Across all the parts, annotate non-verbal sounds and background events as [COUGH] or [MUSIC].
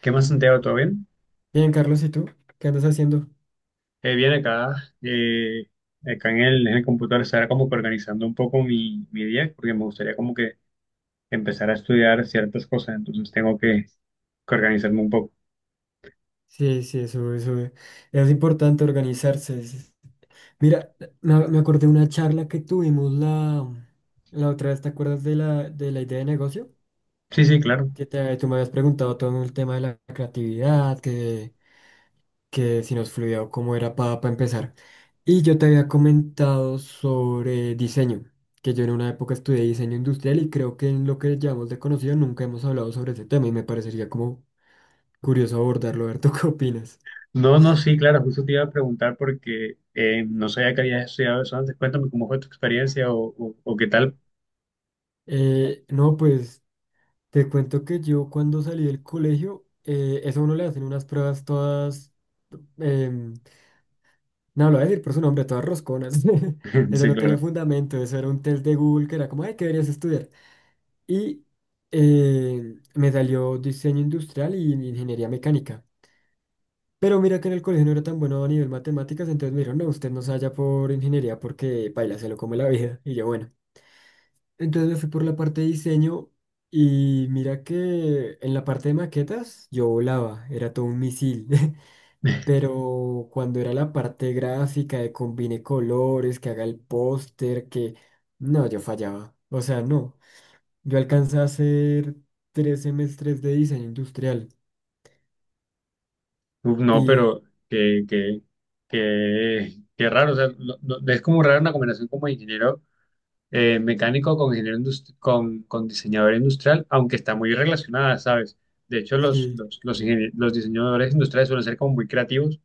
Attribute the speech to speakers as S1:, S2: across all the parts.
S1: ¿Qué más, Santiago? ¿Todo bien?
S2: Bien, Carlos, ¿y tú? ¿Qué andas haciendo?
S1: Bien, acá, acá en el computador estará como que organizando un poco mi día, porque me gustaría como que empezar a estudiar ciertas cosas, entonces tengo que organizarme un poco.
S2: Sí, sí, eso, eso es importante organizarse. Mira, me acordé de una charla que tuvimos la otra vez, ¿te acuerdas de la idea de negocio?
S1: Sí, sí, claro.
S2: Que tú me habías preguntado todo el tema de la creatividad, que si nos fluía o cómo era para empezar. Y yo te había comentado sobre diseño, que yo en una época estudié diseño industrial y creo que en lo que llamamos de conocido nunca hemos hablado sobre ese tema y me parecería como curioso abordarlo. A ver, [LAUGHS] ¿tú qué opinas?
S1: No, no, sí, claro, justo te iba a preguntar porque no sabía que habías estudiado eso antes. Cuéntame cómo fue tu experiencia o qué tal.
S2: No, pues te cuento que yo cuando salí del colegio, eso a uno le hacen unas pruebas todas. em, No, lo voy a decir por su nombre, todas rosconas. [LAUGHS]
S1: [LAUGHS]
S2: Eso
S1: Sí,
S2: no tenía
S1: claro.
S2: fundamento, eso era un test de Google que era como, ay, ¿qué deberías estudiar? Y me salió diseño industrial y ingeniería mecánica. Pero mira que en el colegio no era tan bueno a nivel matemáticas, entonces me dijeron, no, usted no se vaya por ingeniería porque paila, se lo come la vida. Y yo, bueno. Entonces me fui por la parte de diseño y mira que en la parte de maquetas yo volaba, era todo un misil. [LAUGHS] Pero cuando era la parte gráfica de combine colores, que haga el póster, que no, yo fallaba. O sea, no. Yo alcancé a hacer tres semestres de diseño industrial
S1: Uf, no,
S2: y
S1: pero que, que, que raro, o sea, es como raro una combinación como ingeniero mecánico con con diseñador industrial, aunque está muy relacionada, ¿sabes? De hecho,
S2: sí,
S1: los diseñadores industriales suelen ser como muy creativos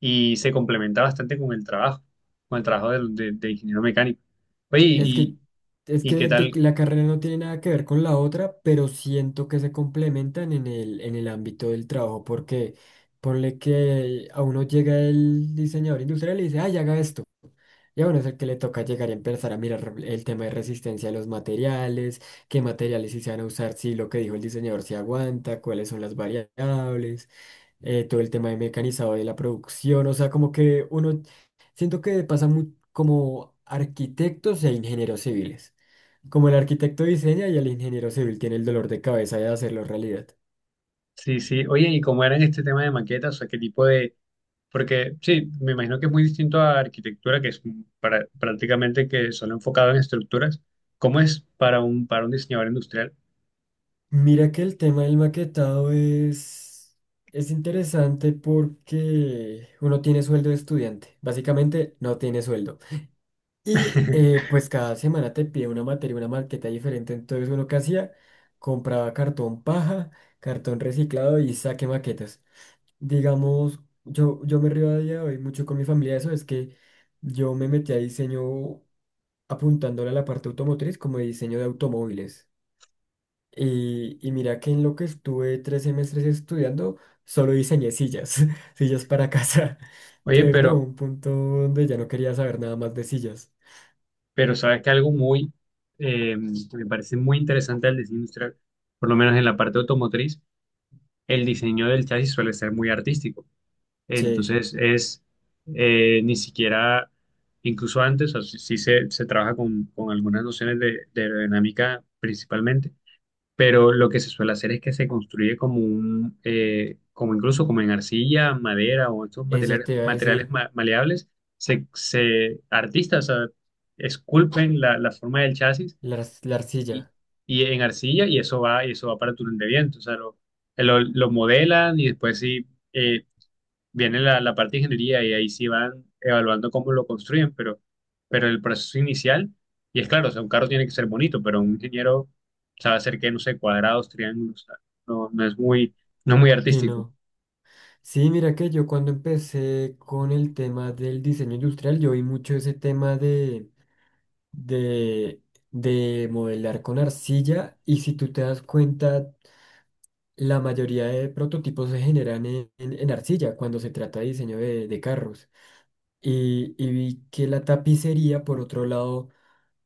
S1: y se complementa bastante con el trabajo de ingeniero mecánico. Oye,
S2: es que
S1: ¿
S2: es
S1: y qué
S2: que
S1: tal?
S2: la carrera no tiene nada que ver con la otra, pero siento que se complementan en el ámbito del trabajo porque ponle que a uno llega el diseñador industrial y dice, "Ay, haga esto." Y a uno es el que le toca llegar y empezar a mirar el tema de resistencia de los materiales, qué materiales sí se van a usar, si lo que dijo el diseñador se aguanta, cuáles son las variables, todo el tema de mecanizado de la producción, o sea, como que uno, siento que pasa muy como arquitectos e ingenieros civiles, como el arquitecto diseña y el ingeniero civil tiene el dolor de cabeza de hacerlo realidad.
S1: Sí, sí, oye, ¿y cómo era en este tema de maquetas? O sea, ¿qué tipo de...? Porque sí, me imagino que es muy distinto a arquitectura, que es para, prácticamente que solo enfocado en estructuras. ¿Cómo es para para un diseñador industrial?
S2: Mira que el tema del maquetado es interesante porque uno tiene sueldo de estudiante, básicamente no tiene sueldo. Y
S1: [LAUGHS]
S2: pues cada semana te pide una materia, una maqueta diferente, entonces uno que hacía, compraba cartón paja, cartón reciclado y saque maquetas. Digamos, yo me río a día de hoy mucho con mi familia de eso, es que yo me metí a diseño apuntándole a la parte automotriz como de diseño de automóviles. Y mira que en lo que estuve tres semestres estudiando, solo diseñé sillas, [LAUGHS] sillas para casa.
S1: Oye,
S2: Entonces, no,
S1: pero,
S2: un punto donde ya no quería saber nada más de sillas.
S1: Pero sabes que algo muy, eh, que me parece muy interesante del diseño industrial, por lo menos en la parte automotriz, el diseño del chasis suele ser muy artístico.
S2: Che,
S1: Entonces es ni siquiera, incluso antes, o sea, sí se, se trabaja con algunas nociones de aerodinámica principalmente, pero lo que se suele hacer es que se construye como un, como incluso como en arcilla, madera o estos
S2: eso
S1: materiales,
S2: te iba a
S1: materiales
S2: decir,
S1: maleables, artistas, o sea, esculpen la, la forma del chasis
S2: la
S1: y,
S2: arcilla.
S1: y en arcilla y eso va para el túnel de viento, o sea, lo modelan y después sí eh, viene la, la parte de ingeniería y ahí sí van evaluando cómo lo construyen, pero el proceso inicial, y es claro, o sea, un carro tiene que ser bonito, pero un ingeniero sabe hacer que, no sé, cuadrados, triángulos, o sea, no, no es muy, no es muy
S2: Sí,
S1: artístico.
S2: no. Sí, mira que yo cuando empecé con el tema del diseño industrial, yo vi mucho ese tema de, de modelar con arcilla. Y si tú te das cuenta, la mayoría de prototipos se generan en arcilla cuando se trata de diseño de carros. Y vi que la tapicería, por otro lado,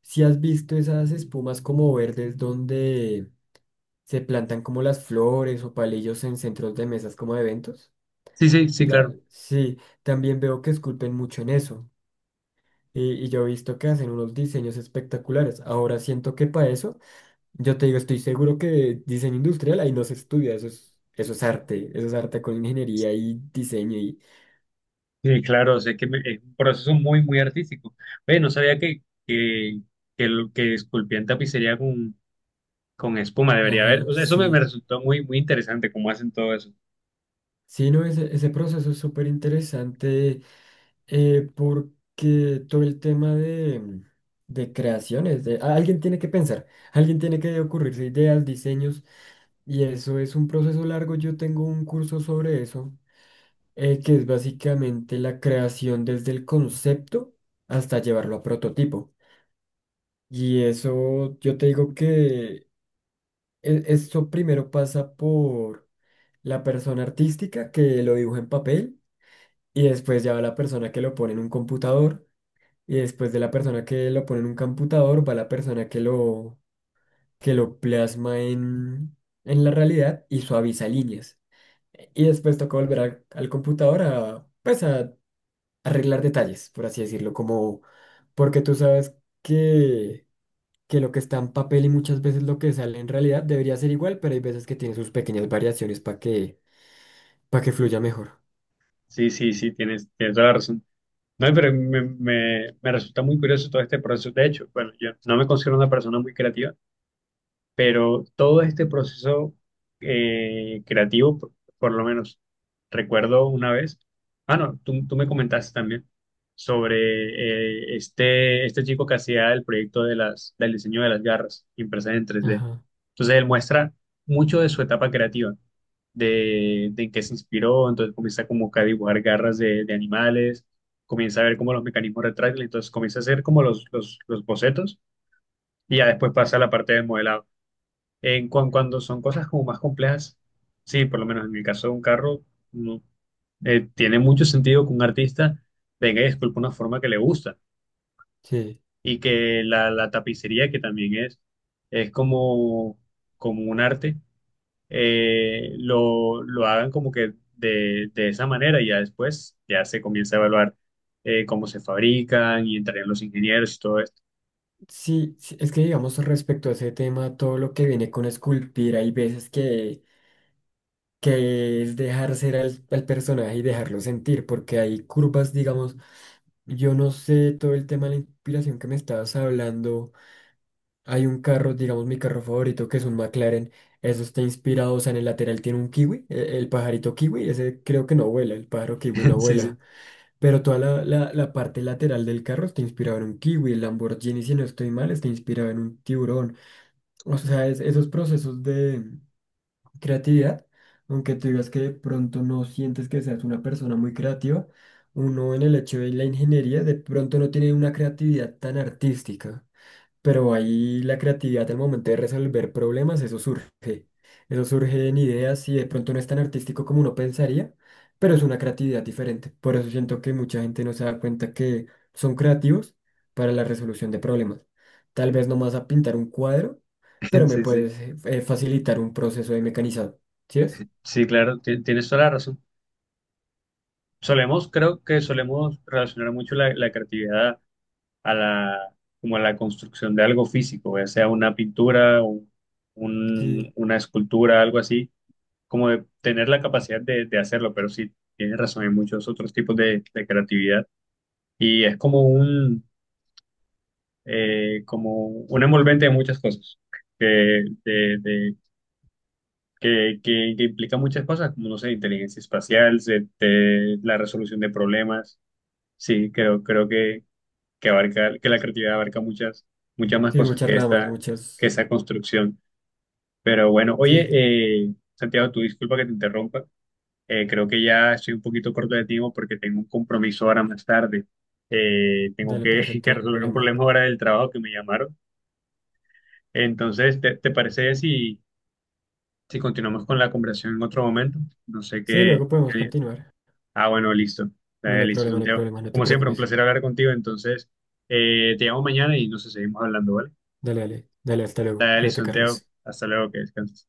S2: si has visto esas espumas como verdes donde se plantan como las flores o palillos en centros de mesas como de eventos.
S1: Sí, sí, sí, claro.
S2: Sí, también veo que esculpen mucho en eso. Y yo he visto que hacen unos diseños espectaculares. Ahora siento que para eso yo te digo, estoy seguro que diseño industrial ahí no se estudia, eso es arte con ingeniería y diseño y...
S1: Sí, claro, o sea, es un proceso muy, muy artístico. Oye, no sabía que esculpían tapicería con espuma, debería haber.
S2: Ajá,
S1: O sea, eso me, me
S2: sí.
S1: resultó muy, muy interesante cómo hacen todo eso.
S2: Sí, no, ese proceso es súper interesante porque todo el tema de creaciones, alguien tiene que pensar, alguien tiene que ocurrirse ideas, diseños y eso es un proceso largo. Yo tengo un curso sobre eso, que es básicamente la creación desde el concepto hasta llevarlo a prototipo. Y eso, yo te digo que esto primero pasa por la persona artística que lo dibuja en papel y después ya va la persona que lo pone en un computador y después de la persona que lo pone en un computador va la persona que lo plasma en la realidad y suaviza líneas. Y después toca volver al, al computador a, pues a arreglar detalles, por así decirlo, como porque tú sabes que... que lo que está en papel y muchas veces lo que sale en realidad debería ser igual, pero hay veces que tiene sus pequeñas variaciones para que fluya mejor.
S1: Sí, sí, sí, tienes, tienes toda la razón. No, pero me resulta muy curioso todo este proceso. De hecho, bueno, yo no me considero una persona muy creativa, pero todo este proceso creativo, por lo menos recuerdo una vez, ah, no, tú me comentaste también sobre este chico que hacía el proyecto de las, del diseño de las garras impresas en tres d.
S2: Ajá,
S1: Entonces él muestra mucho de su etapa creativa, de en qué se inspiró, entonces comienza como que a dibujar garras de animales, comienza a ver como los mecanismos retráctiles, entonces comienza a hacer como los bocetos y ya después pasa a la parte del modelado. En cuando son cosas como más complejas, sí, por lo menos en el caso de un carro, no, tiene mucho sentido que un artista venga y esculpa una forma que le gusta
S2: sí.
S1: y que la tapicería, que también es como, como un arte, lo hagan como que de esa manera y ya después ya se comienza a evaluar cómo se fabrican y entrarían los ingenieros y todo esto.
S2: Sí, sí, es que digamos respecto a ese tema, todo lo que viene con esculpir, hay veces que es dejar ser al, al personaje y dejarlo sentir, porque hay curvas, digamos, yo no sé todo el tema de la inspiración que me estabas hablando. Hay un carro, digamos mi carro favorito, que es un McLaren. Eso está inspirado, o sea, en el lateral tiene un kiwi, el pajarito kiwi, ese creo que no vuela, el pájaro kiwi no
S1: [LAUGHS] Sí,
S2: vuela.
S1: sí,
S2: Pero toda la parte lateral del carro está inspirado en un kiwi, el Lamborghini, si no estoy mal, está inspirado en un tiburón. O sea, esos procesos de creatividad, aunque tú digas que de pronto no sientes que seas una persona muy creativa, uno en el hecho de la ingeniería de pronto no tiene una creatividad tan artística pero ahí la creatividad al momento de resolver problemas, eso surge. Eso surge en ideas y de pronto no es tan artístico como uno pensaría, pero es una creatividad diferente. Por eso siento que mucha gente no se da cuenta que son creativos para la resolución de problemas. Tal vez no más a pintar un cuadro,
S1: [LAUGHS]
S2: pero me
S1: sí, sí.
S2: puedes facilitar un proceso de mecanizado. ¿Sí es?
S1: Sí, claro, tienes toda la razón. Solemos, creo que solemos relacionar mucho la, la creatividad a la, como a la construcción de algo físico, ya sea una pintura,
S2: Sí,
S1: una escultura, algo así, como de tener la capacidad de hacerlo, pero sí, tienes razón, hay muchos otros tipos de creatividad y es como un envolvente de muchas cosas, que, de- de- que, que implica muchas cosas, como, no sé, inteligencia espacial, la resolución de problemas. Sí, creo, creo que abarca, que la creatividad abarca muchas, muchas más
S2: sí,
S1: cosas
S2: muchas
S1: que
S2: ramas,
S1: esta, que
S2: muchas.
S1: esa construcción. Pero bueno, oye,
S2: Sí,
S1: Santiago, tu disculpa que te interrumpa. Creo que ya estoy un poquito corto de tiempo porque tengo un compromiso ahora más tarde. Tengo
S2: dale,
S1: que, [LAUGHS]
S2: perfecto,
S1: que
S2: no hay
S1: resolver un
S2: problema.
S1: problema ahora del trabajo que me llamaron. Entonces, ¿ te parece si, si continuamos con la conversación en otro momento? No sé
S2: Sí,
S1: qué.
S2: luego podemos continuar.
S1: Ah, bueno, listo.
S2: No, no hay
S1: Listo,
S2: problema, no hay
S1: Santiago.
S2: problema, no te
S1: Como siempre, un
S2: preocupes.
S1: placer hablar contigo. Entonces, te llamo mañana y nos seguimos hablando, ¿vale?
S2: Dale, dale, dale, hasta luego.
S1: Dale,
S2: Cuídate,
S1: Santiago.
S2: Carlos.
S1: Hasta luego, que descanses.